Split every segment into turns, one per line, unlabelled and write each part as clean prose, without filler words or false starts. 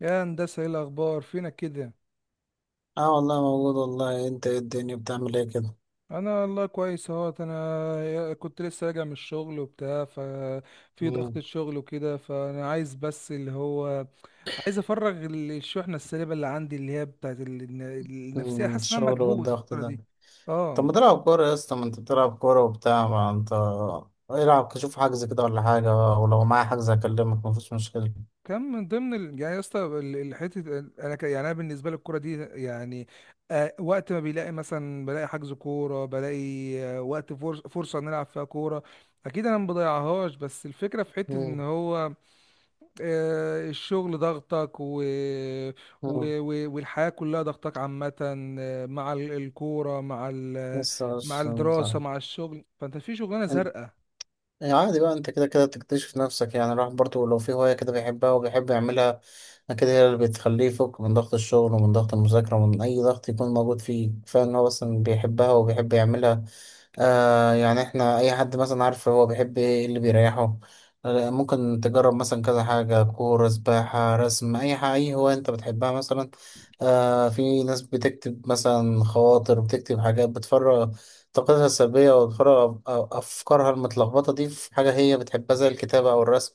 يا هندسة، ايه الأخبار فينا كده؟
اه والله موجود. والله انت ايه؟ الدنيا بتعمل ايه كده؟
أنا والله كويس اهوت. أنا كنت لسه راجع من الشغل وبتاع، ففي ضغط
مم.
الشغل وكده، فأنا عايز بس اللي هو عايز أفرغ الشحنة السلبية اللي عندي، اللي هي بتاعت النفسية.
مم.
حاسس إن أنا
الشغل
مكبوت
والضغط
الفترة
ده.
دي.
طب
اه،
ما تلعب كورة يا اسطى؟ ما انت بتلعب كورة وبتاع. ما انت العب، شوف حجز كده ولا حاجة. ولو معايا حجز هكلمك، مفيش مشكلة.
كان من ضمن يعني يا اسطى، حته انا يعني انا بالنسبه لي الكوره دي يعني آه، وقت ما بيلاقي مثلا، بلاقي حجز كوره، بلاقي آه وقت فرصه نلعب فيها كوره، اكيد انا ما بضيعهاش. بس الفكره في حته ان
مم.
هو آه الشغل ضغطك
مم.
والحياه كلها ضغطك عامه آه، مع الكوره، مع
بس
مع
عشان
الدراسه، مع الشغل، فانت في شغلانه
انت.
زرقاء.
يعني عادي بقى، انت كده كده تكتشف نفسك. يعني الواحد برضه لو في هواية كده بيحبها وبيحب يعملها كده، هي اللي بتخليه يفك من ضغط الشغل ومن ضغط المذاكرة ومن أي ضغط يكون موجود فيه. كفاية إن هو مثلا بيحبها وبيحب يعملها. يعني احنا أي حد مثلا عارف هو بيحب إيه، إيه اللي بيريحه. ممكن تجرب مثلا كذا حاجة، كورة، سباحة، رسم، أي حاجة، أي هواية أنت بتحبها مثلا. في ناس بتكتب مثلا خواطر، بتكتب حاجات بتفرغ طاقتها السلبية وأفكارها أفكارها المتلخبطة دي في حاجة هي بتحبها زي الكتابة أو الرسم.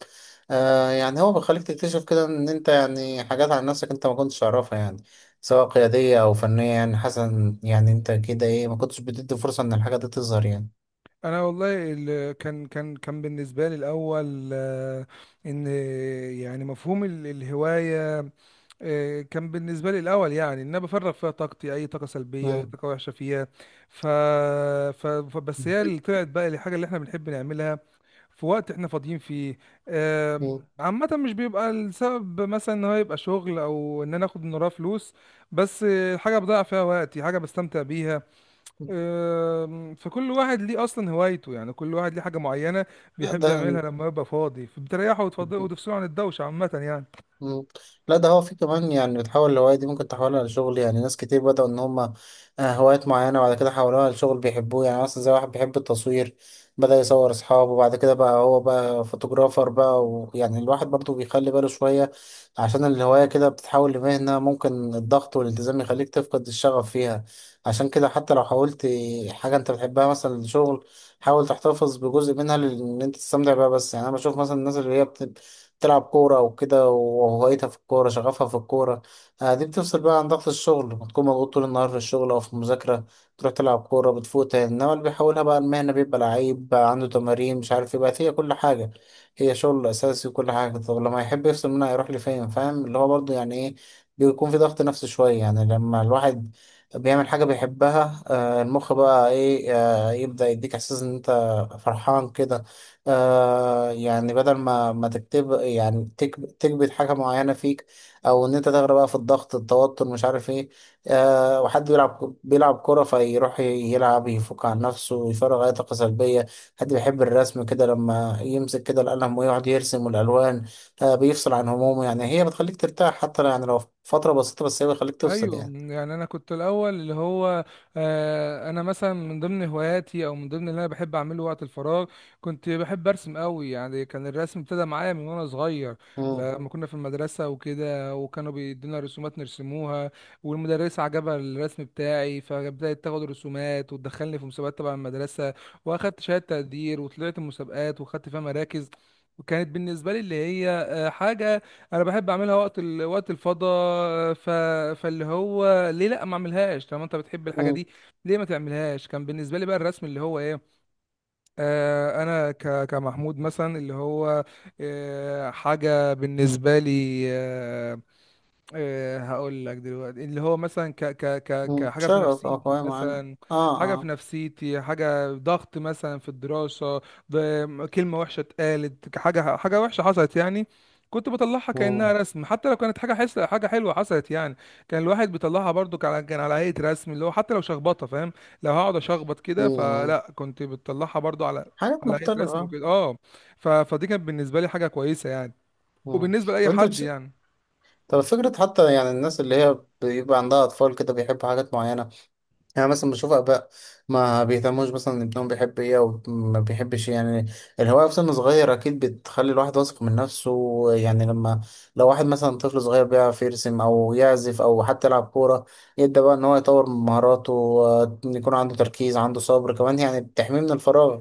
يعني هو بيخليك تكتشف كده إن أنت يعني حاجات عن نفسك أنت ما كنتش تعرفها، يعني سواء قيادية أو فنية، يعني حسن يعني أنت كده إيه، ما كنتش بتدي فرصة إن الحاجة دي تظهر يعني.
انا والله كان بالنسبه لي الاول آه، ان يعني مفهوم الهوايه آه، كان بالنسبه لي الاول، يعني ان انا بفرغ فيها طاقتي، اي طاقه سلبيه، اي
مم.
طاقه وحشه فيها. ف... بس هي اللي طلعت بقى الحاجه اللي احنا بنحب نعملها في وقت احنا فاضيين فيه. آم،
مم.
عامة مش بيبقى السبب مثلا ان هو يبقى شغل او ان انا اخد من وراه فلوس، بس آه، حاجة بضيع فيها وقتي، حاجة بستمتع بيها. فكل واحد ليه اصلا هوايته، يعني كل واحد ليه حاجه معينه
لا
بيحب
ده.
يعملها لما يبقى فاضي، فبتريحه وتفضله وتفصله عن الدوشه عامه يعني.
مم. لا ده هو في كمان، يعني بتحول الهواية دي ممكن تحولها لشغل. يعني ناس كتير بدأوا إن هما هوايات معينة، وبعد كده حولوها لشغل بيحبوه. يعني مثلا زي واحد بيحب التصوير، بدأ يصور أصحابه وبعد كده بقى هو بقى فوتوغرافر بقى. ويعني الواحد برضه بيخلي باله شوية، عشان الهواية كده بتتحول لمهنة، ممكن الضغط والالتزام يخليك تفقد الشغف فيها. عشان كده حتى لو حاولت حاجة أنت بتحبها مثلا لشغل، حاول تحتفظ بجزء منها لأن أنت تستمتع بيها. بس يعني أنا بشوف مثلا الناس اللي هي تلعب كورة وكده وهوايتها في الكورة، شغفها في الكورة. دي بتفصل بقى عن ضغط الشغل. بتكون مضغوط طول النهار في الشغل أو في المذاكرة، تروح تلعب كورة بتفوق تاني. إنما اللي بيحاولها بقى المهنة بيبقى لعيب، بقى عنده تمارين مش عارف ايه، بقت هي كل حاجة. هي شغل أساسي وكل حاجة، طب لما يحب يفصل منها يروح لفين؟ فاهم اللي هو برضه يعني ايه، بيكون في ضغط نفسي شوية. يعني لما الواحد بيعمل حاجة بيحبها المخ بقى ايه يبدأ يديك إحساس إن أنت فرحان كده. يعني بدل ما تكتب، يعني تكبت حاجة معينة فيك، أو إن أنت تغرق بقى في الضغط، التوتر مش عارف إيه. وحد بيلعب كورة، فيروح يلعب يفك عن نفسه، يفرغ أي طاقة سلبية. حد بيحب الرسم كده لما يمسك كده القلم ويقعد يرسم والألوان بيفصل عن همومه. يعني هي بتخليك ترتاح، يعني لو فترة بسيطة بس هي بتخليك تفصل
ايوه،
يعني.
يعني انا كنت الاول اللي هو آه، انا مثلا من ضمن هواياتي او من ضمن اللي انا بحب اعمله وقت الفراغ، كنت بحب ارسم قوي. يعني كان الرسم ابتدى معايا من وانا صغير،
مم.
لما كنا في المدرسه وكده، وكانوا بيدونا رسومات نرسموها، والمدرسه عجبها الرسم بتاعي، فبدات تاخد رسومات وتدخلني في مسابقات تبع المدرسه، واخدت شهاده تقدير، وطلعت مسابقات واخدت فيها مراكز. وكانت بالنسبه لي اللي هي آه، حاجه انا بحب اعملها وقت وقت الفضا. فاللي هو، ليه لا ما اعملهاش طالما انت بتحب الحاجه
مم.
دي؟ ليه ما تعملهاش؟ كان بالنسبه لي بقى الرسم، اللي هو ايه، آه انا كمحمود مثلا، اللي هو آه حاجه بالنسبه لي آه، إيه هقول لك دلوقتي، اللي هو مثلا ك ك ك
مم.
كحاجة في
شغف أو
نفسيتي
هواية معينة.
مثلا،
آه
حاجة في
آه.
نفسيتي، حاجة ضغط مثلا في الدراسة، كلمة وحشة اتقالت، حاجة حاجة وحشة حصلت يعني، كنت بطلعها كأنها
مم.
رسم. حتى لو كانت حاجة حس، حاجة حلوة حصلت يعني، كان الواحد بيطلعها برضو، كان على هيئة رسم، اللي هو حتى لو شخبطة فاهم، لو هقعد أشخبط كده
مم.
فلا، كنت بتطلعها برضو على
حاجات
على هيئة رسم
مختلفة.
وكده اه. فدي كانت بالنسبة لي حاجة كويسة يعني،
مم.
وبالنسبة لأي
وانت
حد
بتش...
يعني.
طب فكرة حتى يعني الناس اللي هي بيبقى عندها أطفال كده بيحبوا حاجات معينة. يعني مثلا بشوف اباء ما بيهتموش مثلا إن ابنهم بيحب ايه او ما بيحبش إيه. يعني الهوايه في سن صغير اكيد بتخلي الواحد واثق من نفسه. يعني لما لو واحد مثلا طفل صغير بيعرف يرسم او يعزف او حتى يلعب كوره، يبدا بقى ان هو يطور من مهاراته، إن يكون عنده تركيز، عنده صبر كمان. يعني بتحميه من الفراغ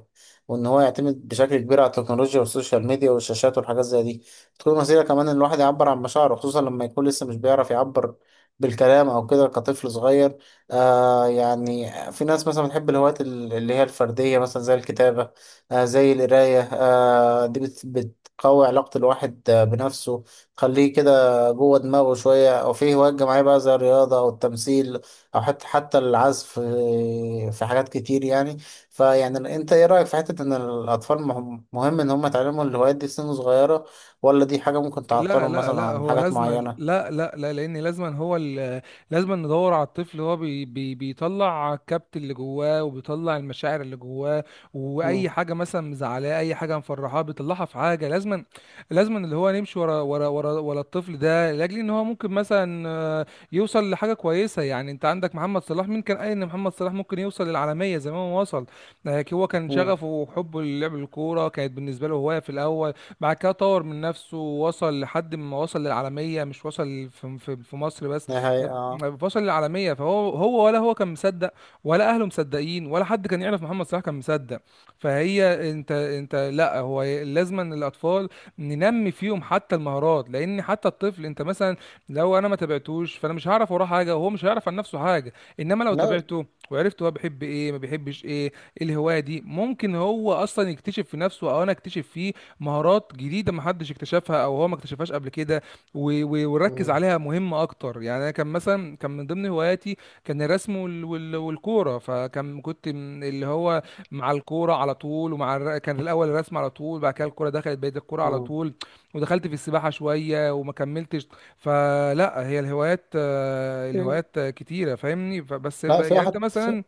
وان هو يعتمد بشكل كبير على التكنولوجيا والسوشيال ميديا والشاشات والحاجات زي دي. تكون وسيله كمان ان الواحد يعبر عن مشاعره، خصوصا لما يكون لسه مش بيعرف يعبر بالكلام او كده كطفل صغير. يعني في ناس مثلا بتحب الهوايات اللي هي الفردية، مثلا زي الكتابة زي القراية دي بتقوي علاقة الواحد بنفسه، تخليه كده جوه دماغه شوية. أو في هوايات جماعية بقى زي الرياضة أو التمثيل أو حتى العزف في حاجات كتير يعني. فيعني أنت إيه رأيك في حتة إن الأطفال مهم مهم إن هم يتعلموا الهوايات دي في سن صغيرة، ولا دي حاجة ممكن
لا
تعطلهم
لا
مثلا
لا،
عن
هو
حاجات
لازما،
معينة؟
لا لا لا، لان لازما هو لازما ندور على الطفل. هو بي بي بيطلع الكبت اللي جواه، وبيطلع المشاعر اللي جواه، واي
مم.
حاجه مثلا مزعلاه، اي حاجه مفرحاه، بيطلعها في حاجه. لازما، لازما اللي هو نمشي ورا الطفل ده، لاجل ان هو ممكن مثلا آه، يوصل لحاجه كويسه. يعني انت عندك محمد صلاح، مين كان قال ان محمد صلاح ممكن يوصل للعالميه زي ما هو وصل؟ آه، هو كان
مم.
شغفه وحبه للعب الكوره كانت بالنسبه له هوايه في الاول، بعد كده طور من نفسه ووصل لحد ما وصل للعالمية، مش وصل في مصر بس،
نهاية آه.
وصل للعالمية. فهو، هو ولا هو كان مصدق، ولا أهله مصدقين، ولا حد كان يعرف محمد صلاح كان مصدق؟ فهي انت لا، هو لازما الأطفال ننمي فيهم حتى المهارات، لأن حتى الطفل انت مثلا لو انا ما تابعتوش، فانا مش هعرف وراه حاجة، وهو مش هيعرف عن نفسه حاجة. انما لو
لا.
تابعته وعرفت هو بيحب ايه ما بيحبش ايه، إيه الهواية دي، ممكن هو اصلا يكتشف في نفسه او انا اكتشف فيه مهارات جديده ما حدش اكتشفها او هو ما اكتشفهاش قبل كده، ونركز
مم.
عليها مهمه اكتر. يعني انا كان مثلا كان من ضمن هواياتي كان الرسم والكوره، فكان كنت من اللي هو مع الكوره على طول، ومع كان الاول الرسم على طول، بعد كده الكوره دخلت، بقيت الكوره على
مم.
طول، ودخلت في السباحه شويه وما كملتش. فلا، هي الهوايات آه،
مم.
الهوايات آه، كتيره، فاهمني؟
لا في
يعني انت
واحد في.
مثلا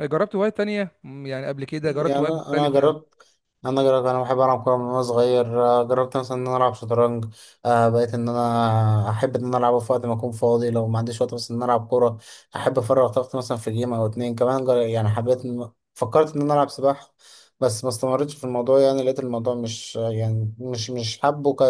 جربت هوايات تانية يعني قبل كده جربت
يعني
هوايات
انا أنا
مختلفة.
جربت انا جربت انا بحب العب كوره من وانا صغير، آه، جربت مثلا ان انا العب شطرنج. بقيت ان انا احب ان انا العبه في وقت ما اكون فاضي لو ما عنديش وقت، بس ان انا العب كوره. احب افرغ طاقتي مثلا في جيم، او اتنين كمان يعني فكرت ان انا العب سباحه. بس ما استمرتش في الموضوع، يعني لقيت الموضوع مش، يعني مش حابه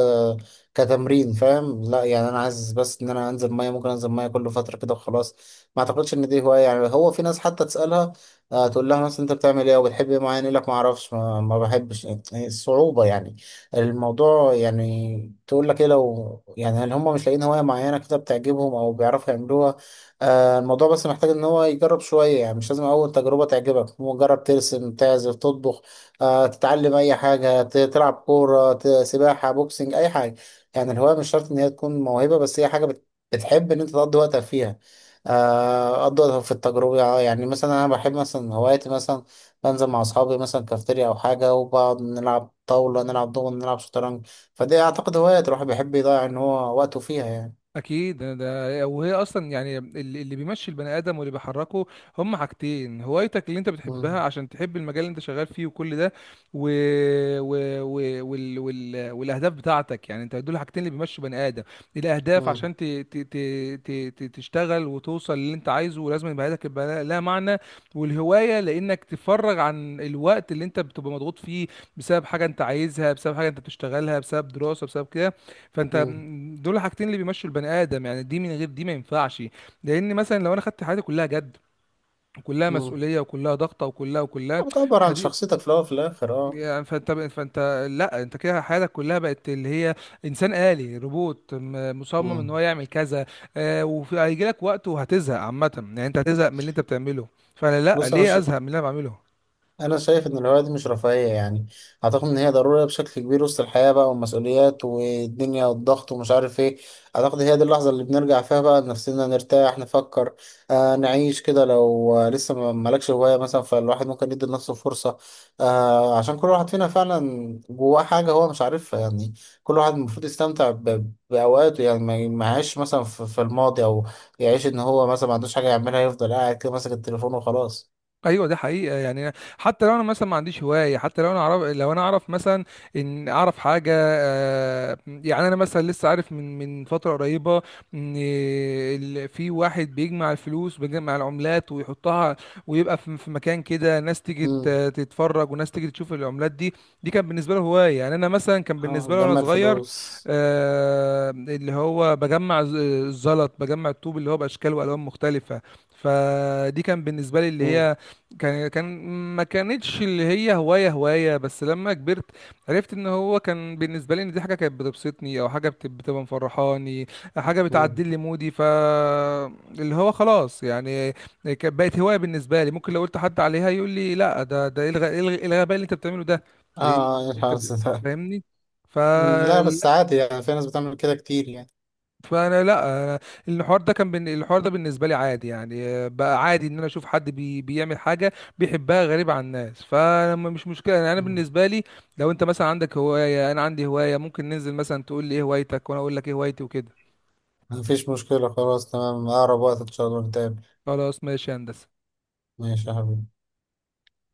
كتمرين فاهم. لا يعني انا عايز بس ان انا انزل ميه، ممكن انزل ميه كل فتره كده وخلاص. ما اعتقدش ان دي هوايه. يعني هو في ناس حتى تسالها تقول لها مثلا انت بتعمل ايه وبتحب ايه معين، يقول لك ما اعرفش، ما بحبش. يعني الصعوبة، يعني الموضوع، يعني تقول لك ايه لو يعني، هل هم مش لاقيين هواية معينة كده بتعجبهم او بيعرفوا يعملوها. الموضوع بس محتاج ان هو يجرب شوية. يعني مش لازم اول تجربة تعجبك. هو جرب ترسم، تعزف، تطبخ، تتعلم اي حاجة، تلعب كورة، سباحة، بوكسنج، اي حاجة. يعني الهواية مش شرط ان هي تكون موهبة، بس هي حاجة بتحب ان انت تقضي وقتك فيها. أفضل في التجربة. يعني مثلا أنا بحب مثلا هواياتي مثلا، بنزل مع أصحابي مثلا كافتيريا أو حاجة، وبقعد نلعب طاولة، نلعب دومنة، نلعب شطرنج. فدي أعتقد هوايات الواحد بيحب يضيع إن هو وقته فيها يعني.
اكيد، وهي اصلا، يعني اللي بيمشي البني ادم واللي بيحركه هم حاجتين: هوايتك اللي انت بتحبها،
مم.
عشان تحب المجال اللي انت شغال فيه وكل ده، و... والاهداف بتاعتك. يعني انت دول حاجتين اللي بيمشوا بني ادم، الاهداف
مم.
عشان ت... تشتغل وتوصل للي انت عايزه، ولازم يبقى هدفك يبقى لها معنى، والهوايه لانك تفرغ عن الوقت اللي انت بتبقى مضغوط فيه بسبب حاجه انت عايزها، بسبب حاجه انت بتشتغلها، بسبب دراسه، بسبب كده. فانت
مم.
دول الحاجتين اللي بيمشوا البني ادم يعني، دي من غير دي ما ينفعش. لان مثلا لو انا خدت حياتي كلها جد، وكلها
مم.
مسؤوليه، وكلها ضغطه، وكلها
بتعبر عن
فدي،
شخصيتك في الأول وفي الآخر أه.
يعني فانت لا، انت كده حياتك كلها بقت اللي هي انسان آلي، روبوت، مصمم ان
مم.
هو يعمل كذا. آه، وهيجي لك وقت وهتزهق عامه، يعني انت هتزهق من اللي انت بتعمله. فانا لا،
بص، أنا
ليه
ش...
ازهق من اللي انا بعمله؟
انا شايف ان الهوايه دي مش رفاهيه. يعني اعتقد ان هي ضروريه بشكل كبير وسط الحياه بقى، والمسؤوليات والدنيا والضغط ومش عارف ايه. اعتقد هي دي اللحظه اللي بنرجع فيها بقى لنفسنا، نرتاح، نفكر، نعيش كده. لو لسه ما مالكش هوايه مثلا، فالواحد ممكن يدي لنفسه فرصه، عشان كل واحد فينا فعلا جواه حاجه هو مش عارفها يعني. كل واحد المفروض يستمتع بأوقاته، يعني ما يعيش مثلا في الماضي، أو يعيش إن هو مثلا ما عندوش حاجة يعملها يفضل قاعد كده ماسك التليفون وخلاص.
ايوه، ده حقيقه. يعني حتى لو انا مثلا ما عنديش هوايه، حتى لو انا اعرف، لو انا اعرف مثلا ان اعرف حاجه آه، يعني انا مثلا لسه عارف من فتره قريبه ان في واحد بيجمع الفلوس، بيجمع العملات ويحطها ويبقى في في مكان كده، ناس تيجي
مم.
تتفرج، وناس تيجي تشوف العملات دي. دي كان بالنسبه له هوايه. يعني انا مثلا كان بالنسبه
اه،
لي وانا
جمع
صغير
الفلوس.
آه، اللي هو بجمع الزلط، بجمع الطوب اللي هو باشكال والوان مختلفه، فدي كان بالنسبه لي اللي
مم.
هي كان ما كانتش اللي هي هواية. بس لما كبرت عرفت ان هو كان بالنسبة لي ان دي حاجة كانت بتبسطني، او حاجة بتبقى مفرحاني، حاجة
مم.
بتعدل لي مودي. ف اللي هو خلاص، يعني كانت بقت هواية بالنسبة لي. ممكن لو قلت حد عليها يقول لي لا، ده ده ايه إيه الغباء اللي انت بتعمله ده؟ إيه اللي
اه
انت
الحارس ده.
فاهمني؟ ف
مم، لا بس عادي يعني في ناس بتعمل كده كتير يعني.
فانا لا أنا الحوار ده الحوار ده بالنسبه لي عادي يعني آه، بقى عادي ان انا اشوف حد بيعمل حاجه بيحبها غريبه عن الناس، فما مش مشكله يعني. انا
مم.
بالنسبه لي لو انت مثلا عندك هوايه، انا عندي هوايه، ممكن ننزل مثلا تقول لي ايه هوايتك، وانا اقول لك ايه هوايتي وكده.
مفيش مشكلة خلاص، تمام. أقرب وقت إن شاء الله نتقابل.
خلاص ماشي يا هندسه.
ماشي يا حبيبي.